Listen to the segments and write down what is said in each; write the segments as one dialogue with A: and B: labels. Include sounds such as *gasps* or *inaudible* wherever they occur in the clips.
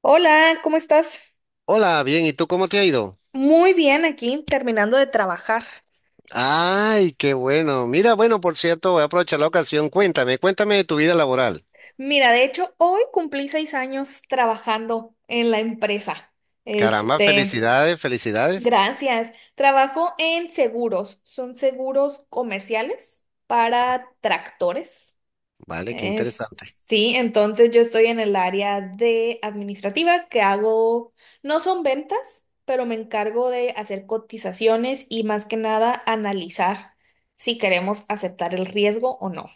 A: Hola, ¿cómo estás?
B: Hola, bien, ¿y tú cómo te ha ido?
A: Muy bien aquí, terminando de trabajar.
B: Ay, qué bueno. Mira, bueno, por cierto, voy a aprovechar la ocasión. Cuéntame de tu vida laboral.
A: Mira, de hecho, hoy cumplí 6 años trabajando en la empresa.
B: Caramba,
A: Este,
B: felicidades, felicidades.
A: Gracias. Trabajo en seguros. Son seguros comerciales para tractores.
B: Vale, qué interesante.
A: Sí, entonces yo estoy en el área de administrativa que hago, no son ventas, pero me encargo de hacer cotizaciones y más que nada analizar si queremos aceptar el riesgo o no.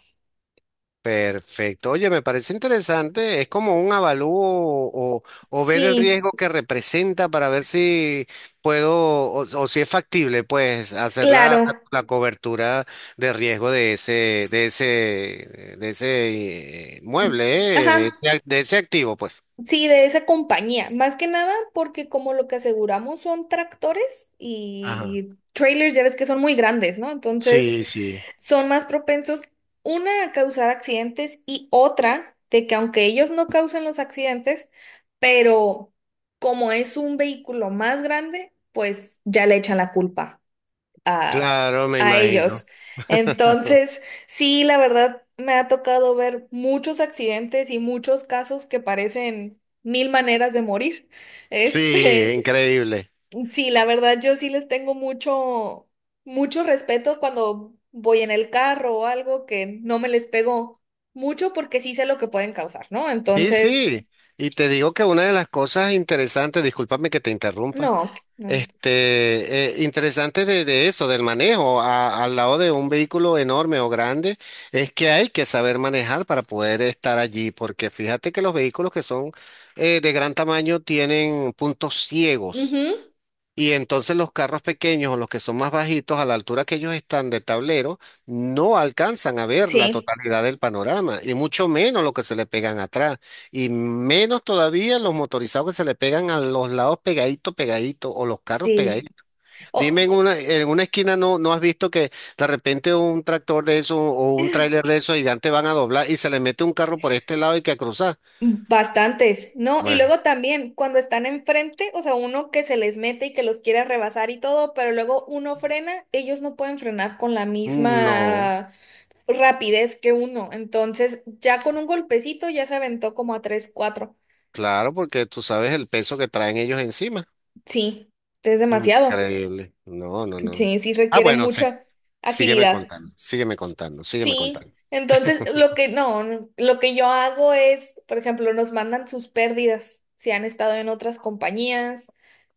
B: Perfecto. Oye, me parece interesante. Es como un avalúo o, ver el
A: Sí,
B: riesgo que representa para ver si puedo o si es factible, pues, hacer la,
A: claro.
B: la cobertura de riesgo de ese mueble, eh,
A: Ajá,
B: de ese, ac- de ese activo, pues.
A: sí, de esa compañía. Más que nada porque como lo que aseguramos son tractores
B: Ajá.
A: y trailers, ya ves que son muy grandes, ¿no? Entonces,
B: Sí, sí,
A: son más propensos, una, a causar accidentes y otra, de que aunque ellos no causan los accidentes, pero como es un vehículo más grande, pues ya le echan la culpa a,
B: claro, me
A: a ellos.
B: imagino.
A: Entonces,
B: *laughs*
A: sí, la verdad, me ha tocado ver muchos accidentes y muchos casos que parecen mil maneras de morir. *laughs*
B: Sí,
A: Este.
B: increíble.
A: Sí, la verdad, yo sí les tengo mucho, mucho respeto cuando voy en el carro o algo que no me les pego mucho porque sí sé lo que pueden causar, ¿no?
B: Sí,
A: Entonces,
B: sí. Y te digo que una de las cosas interesantes, discúlpame que te interrumpa,
A: no, no.
B: interesante de eso, del manejo al lado de un vehículo enorme o grande, es que hay que saber manejar para poder estar allí, porque fíjate que los vehículos que son de gran tamaño tienen puntos ciegos.
A: Ujú,
B: Y entonces los carros pequeños o los que son más bajitos, a la altura que ellos están de tablero, no alcanzan a ver la
A: sí,
B: totalidad del panorama, y mucho menos lo que se le pegan atrás, y menos todavía los motorizados que se le pegan a los lados pegadito, pegadito, o los carros
A: sí.
B: pegaditos. Dime,
A: Oh,
B: en una esquina no has visto que de repente un tractor de eso o un tráiler de esos gigantes van a doblar y se le mete un carro por este lado y que a cruzar.
A: bastantes, ¿no? Y
B: Bueno,
A: luego también cuando están enfrente, o sea, uno que se les mete y que los quiere rebasar y todo, pero luego uno frena, ellos no pueden frenar con la
B: no,
A: misma rapidez que uno. Entonces, ya con un golpecito ya se aventó como a 3 cuatro.
B: claro, porque tú sabes el peso que traen ellos encima.
A: Sí, es demasiado.
B: Increíble. No, no, no.
A: Sí, sí
B: Ah,
A: requiere
B: bueno, sí.
A: mucha
B: Sígueme
A: agilidad.
B: contando, sígueme contando, sígueme
A: Sí.
B: contando.
A: Entonces, lo que no, no, lo que yo hago es, por ejemplo, nos mandan sus pérdidas, si han estado en otras compañías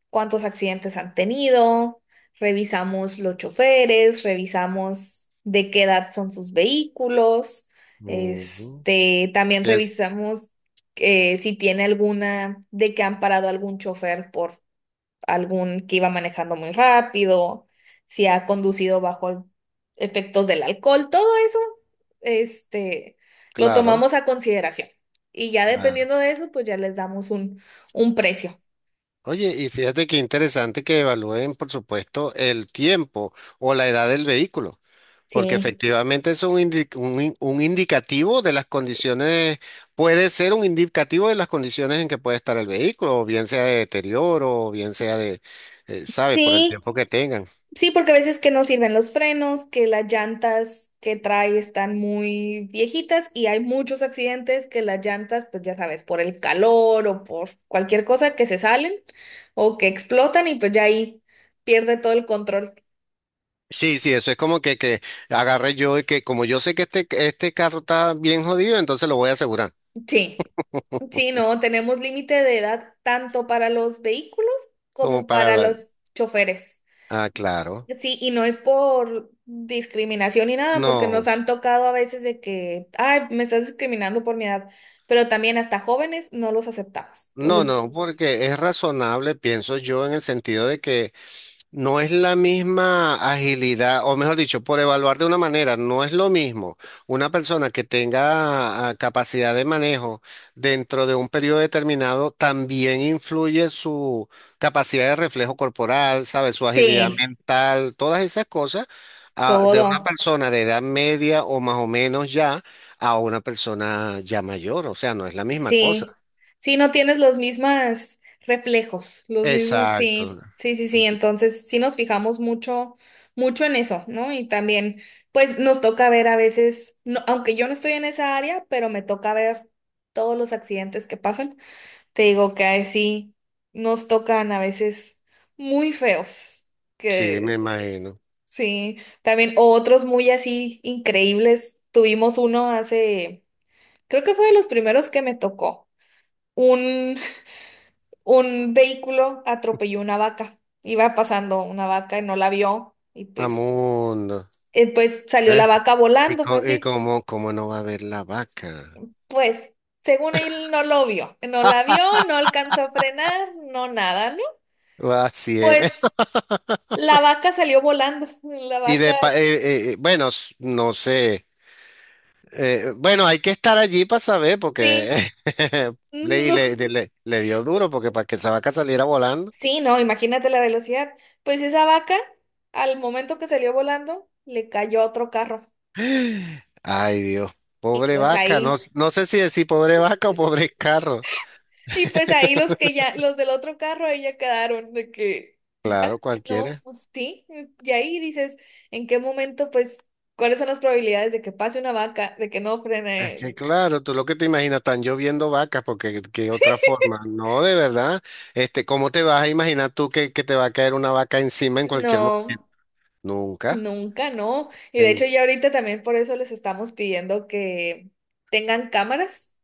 A: cuántos accidentes han tenido, revisamos los choferes, revisamos de qué edad son sus vehículos,
B: Ujú.
A: este, también
B: Yes,
A: revisamos si tiene alguna, de que han parado algún chofer por algún que iba manejando muy rápido, si ha conducido efectos del alcohol, todo eso, este, lo
B: claro,
A: tomamos a consideración. Y ya
B: claro.
A: dependiendo de eso, pues ya les damos un precio.
B: Oye, y fíjate qué interesante que evalúen, por supuesto, el tiempo o la edad del vehículo, porque
A: Sí.
B: efectivamente es un indicativo de las condiciones, puede ser un indicativo de las condiciones en que puede estar el vehículo, o bien sea de deterioro, o bien sea de, ¿sabes? Por el
A: Sí,
B: tiempo que tengan.
A: sí, porque a veces que no sirven los frenos, que las llantas que trae están muy viejitas y hay muchos accidentes que las llantas, pues ya sabes, por el calor o por cualquier cosa que se salen o que explotan y pues ya ahí pierde todo el control.
B: Sí, sí, eso es como que agarré yo y que como yo sé que este carro está bien jodido, entonces lo voy a asegurar.
A: Sí, sí, no, tenemos límite de edad tanto para los vehículos
B: Como
A: como
B: para
A: para
B: la.
A: los choferes.
B: Ah, claro.
A: Sí, y no es por discriminación ni nada, porque nos
B: No.
A: han tocado a veces de que, ay, me estás discriminando por mi edad, pero también hasta jóvenes no los aceptamos.
B: No,
A: Entonces,
B: no, porque es razonable, pienso yo, en el sentido de que no es la misma agilidad, o mejor dicho, por evaluar de una manera, no es lo mismo una persona que tenga capacidad de manejo dentro de un periodo determinado, también influye su capacidad de reflejo corporal, sabe, su agilidad
A: sí,
B: mental, todas esas cosas, de una
A: todo,
B: persona de edad media o más o menos ya a una persona ya mayor, o sea, no es la misma
A: sí,
B: cosa.
A: sí, no tienes los mismos reflejos, los mismos,
B: Exacto.
A: sí, sí, sí, sí, entonces sí nos fijamos mucho, mucho en eso, ¿no? Y también, pues nos toca ver a veces, no, aunque yo no estoy en esa área, pero me toca ver todos los accidentes que pasan. Te digo que ahí sí nos tocan a veces muy feos,
B: Sí, me
A: que
B: imagino.
A: sí, también otros muy así increíbles. Tuvimos uno hace, creo que fue de los primeros que me tocó. Un, *laughs* un vehículo atropelló una vaca. Iba pasando una vaca y no la vio y pues,
B: Amundo.
A: pues salió la
B: ¿Eh?
A: vaca
B: Y,
A: volando
B: co- y
A: así.
B: cómo, cómo no va a haber la vaca.
A: Pues según él no lo vio, no la vio, no alcanzó a frenar, no nada, ¿no?
B: Ah, así es.
A: Pues
B: *laughs*
A: la vaca salió volando. La
B: Y de
A: vaca,
B: pa- eh, eh, bueno, no sé. Bueno, hay que estar allí para saber, porque
A: sí.
B: *laughs* le, y le,
A: No.
B: de- le- le dio duro, porque para que esa vaca saliera volando.
A: Sí, no, imagínate la velocidad. Pues esa vaca, al momento que salió volando, le cayó a otro carro.
B: *gasps* Ay, Dios.
A: Y
B: Pobre
A: pues
B: vaca. No,
A: ahí,
B: no sé si decir pobre vaca o pobre carro.
A: y pues ahí los que ya, los del otro carro, ahí ya quedaron de que,
B: Claro,
A: ya, no,
B: cualquiera.
A: pues sí. Y ahí dices, ¿en qué momento, pues, cuáles son las probabilidades de que pase una vaca, de que no
B: Es
A: frene?
B: que claro, tú lo que te imaginas, están lloviendo vacas, porque qué otra forma, no, de verdad, este, ¿cómo te vas a imaginar tú que te va a caer una vaca encima en cualquier momento?
A: No.
B: Nunca,
A: Nunca, no. Y de hecho
B: en,
A: ya ahorita también por eso les estamos pidiendo que tengan cámaras,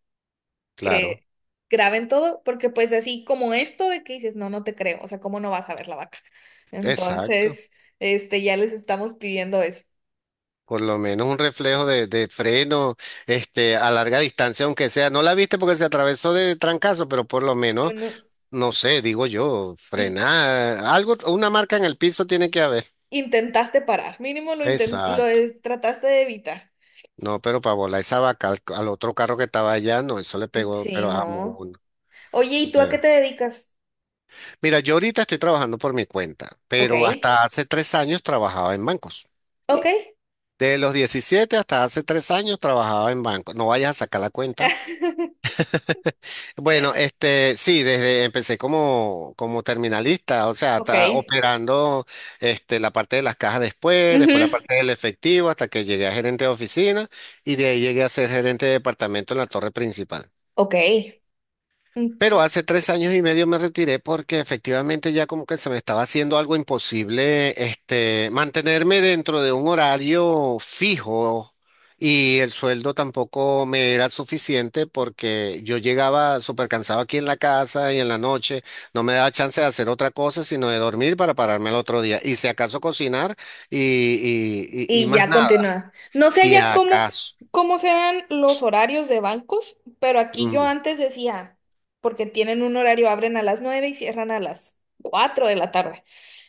A: que
B: claro,
A: graben todo, porque pues así como esto de que dices, no, no te creo, o sea, ¿cómo no vas a ver la vaca?
B: exacto,
A: Entonces, este, ya les estamos pidiendo eso.
B: por lo menos un reflejo de freno, este, a larga distancia, aunque sea, no la viste porque se atravesó de trancazo, pero por lo menos,
A: Bueno,
B: no sé, digo yo,
A: l-
B: frenar, algo, una marca en el piso tiene que haber.
A: intentaste parar, mínimo lo, inten- lo
B: Exacto.
A: eh, trataste de evitar.
B: No, pero para volar esa vaca al otro carro que estaba allá, no, eso le pegó,
A: Sí,
B: pero a
A: no.
B: uno.
A: Oye, ¿y tú a qué
B: Eh.
A: te dedicas?
B: Mira, yo ahorita estoy trabajando por mi cuenta,
A: Ok,
B: pero hasta hace 3 años trabajaba en bancos.
A: ok,
B: De los 17 hasta hace 3 años trabajaba en bancos. No vayas a sacar la cuenta.
A: *laughs*
B: *laughs* Bueno, sí, desde empecé como terminalista, o sea,
A: ok,
B: operando, la parte de las cajas después la
A: ujú,
B: parte del efectivo, hasta que llegué a gerente de oficina y de ahí llegué a ser gerente de departamento en la torre principal.
A: ok.
B: Pero hace 3 años y medio me retiré porque efectivamente ya como que se me estaba haciendo algo imposible, mantenerme dentro de un horario fijo y el sueldo tampoco me era suficiente porque yo llegaba súper cansado aquí en la casa y en la noche no me daba chance de hacer otra cosa sino de dormir para pararme el otro día y si acaso cocinar y
A: Y
B: más
A: ya
B: nada,
A: continúa. No sé
B: si
A: ya cómo,
B: acaso.
A: cómo sean los horarios de bancos, pero aquí yo
B: Ujú.
A: antes decía, porque tienen un horario, abren a las 9 y cierran a las 4 de la tarde.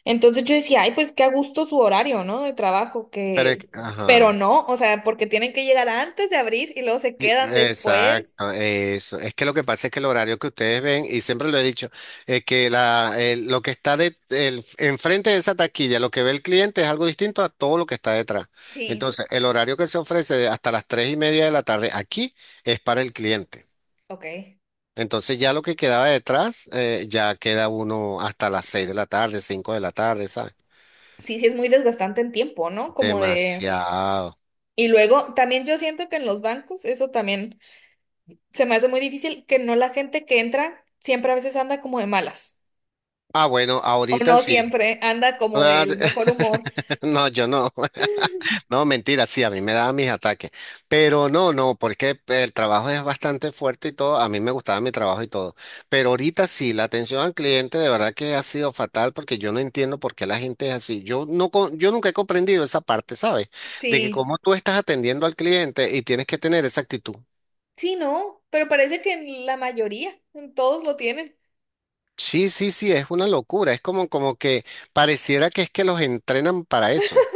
A: Entonces yo decía, ay, pues qué a gusto su horario, ¿no? De trabajo,
B: Pero,
A: que...
B: ajá.
A: Pero no, o sea, porque tienen que llegar antes de abrir y luego se quedan después.
B: Exacto, eso. Es que lo que pasa es que el horario que ustedes ven, y siempre lo he dicho, es que lo que está enfrente de esa taquilla, lo que ve el cliente es algo distinto a todo lo que está detrás.
A: Sí,
B: Entonces, el horario que se ofrece de hasta las 3:30 de la tarde aquí es para el cliente.
A: ok.
B: Entonces, ya lo que quedaba detrás, ya queda uno hasta las 6 de la tarde, 5 de la tarde, ¿sabes?
A: Sí, sí, es muy desgastante en tiempo, ¿no? Como de...
B: Demasiado.
A: Y luego, también yo siento que en los bancos, eso también se me hace muy difícil que no la gente que entra siempre a veces anda como de malas.
B: Ah, bueno,
A: O
B: ahorita
A: no
B: sí.
A: siempre anda como del mejor
B: *laughs*
A: humor.
B: No, yo no. No, mentira, sí, a mí me daban mis ataques. Pero no, no, porque el trabajo es bastante fuerte y todo. A mí me gustaba mi trabajo y todo. Pero ahorita sí, la atención al cliente de verdad que ha sido fatal porque yo no entiendo por qué la gente es así. Yo no, yo nunca he comprendido esa parte, ¿sabes? De que
A: Sí,
B: cómo tú estás atendiendo al cliente y tienes que tener esa actitud.
A: sí, no, pero parece que en la mayoría, en todos lo tienen.
B: Sí, sí, sí, es una locura. Es como que pareciera que es que los entrenan para eso.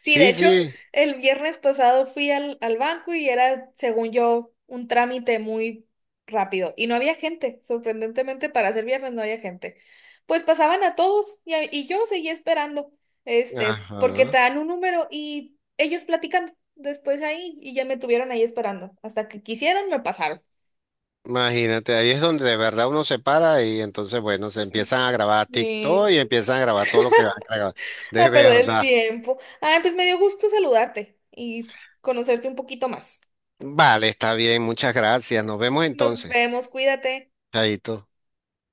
A: Sí, de
B: Sí,
A: hecho,
B: sí.
A: el viernes pasado fui al banco y era, según yo, un trámite muy rápido. Y no había gente, sorprendentemente para ser viernes no había gente. Pues pasaban a todos y yo seguía esperando, este, porque te
B: Ajá.
A: dan un número y ellos platicando después ahí y ya me tuvieron ahí esperando. Hasta que quisieron, me pasaron.
B: Imagínate, ahí es donde de verdad uno se para y entonces, bueno, se empiezan a grabar TikTok
A: Sí,
B: y empiezan a grabar todo lo que van a grabar. De
A: a perder el
B: verdad.
A: tiempo. Ay, pues me dio gusto saludarte y conocerte un poquito más.
B: Vale, está bien, muchas gracias. Nos vemos
A: Nos
B: entonces.
A: vemos, cuídate.
B: Chaito.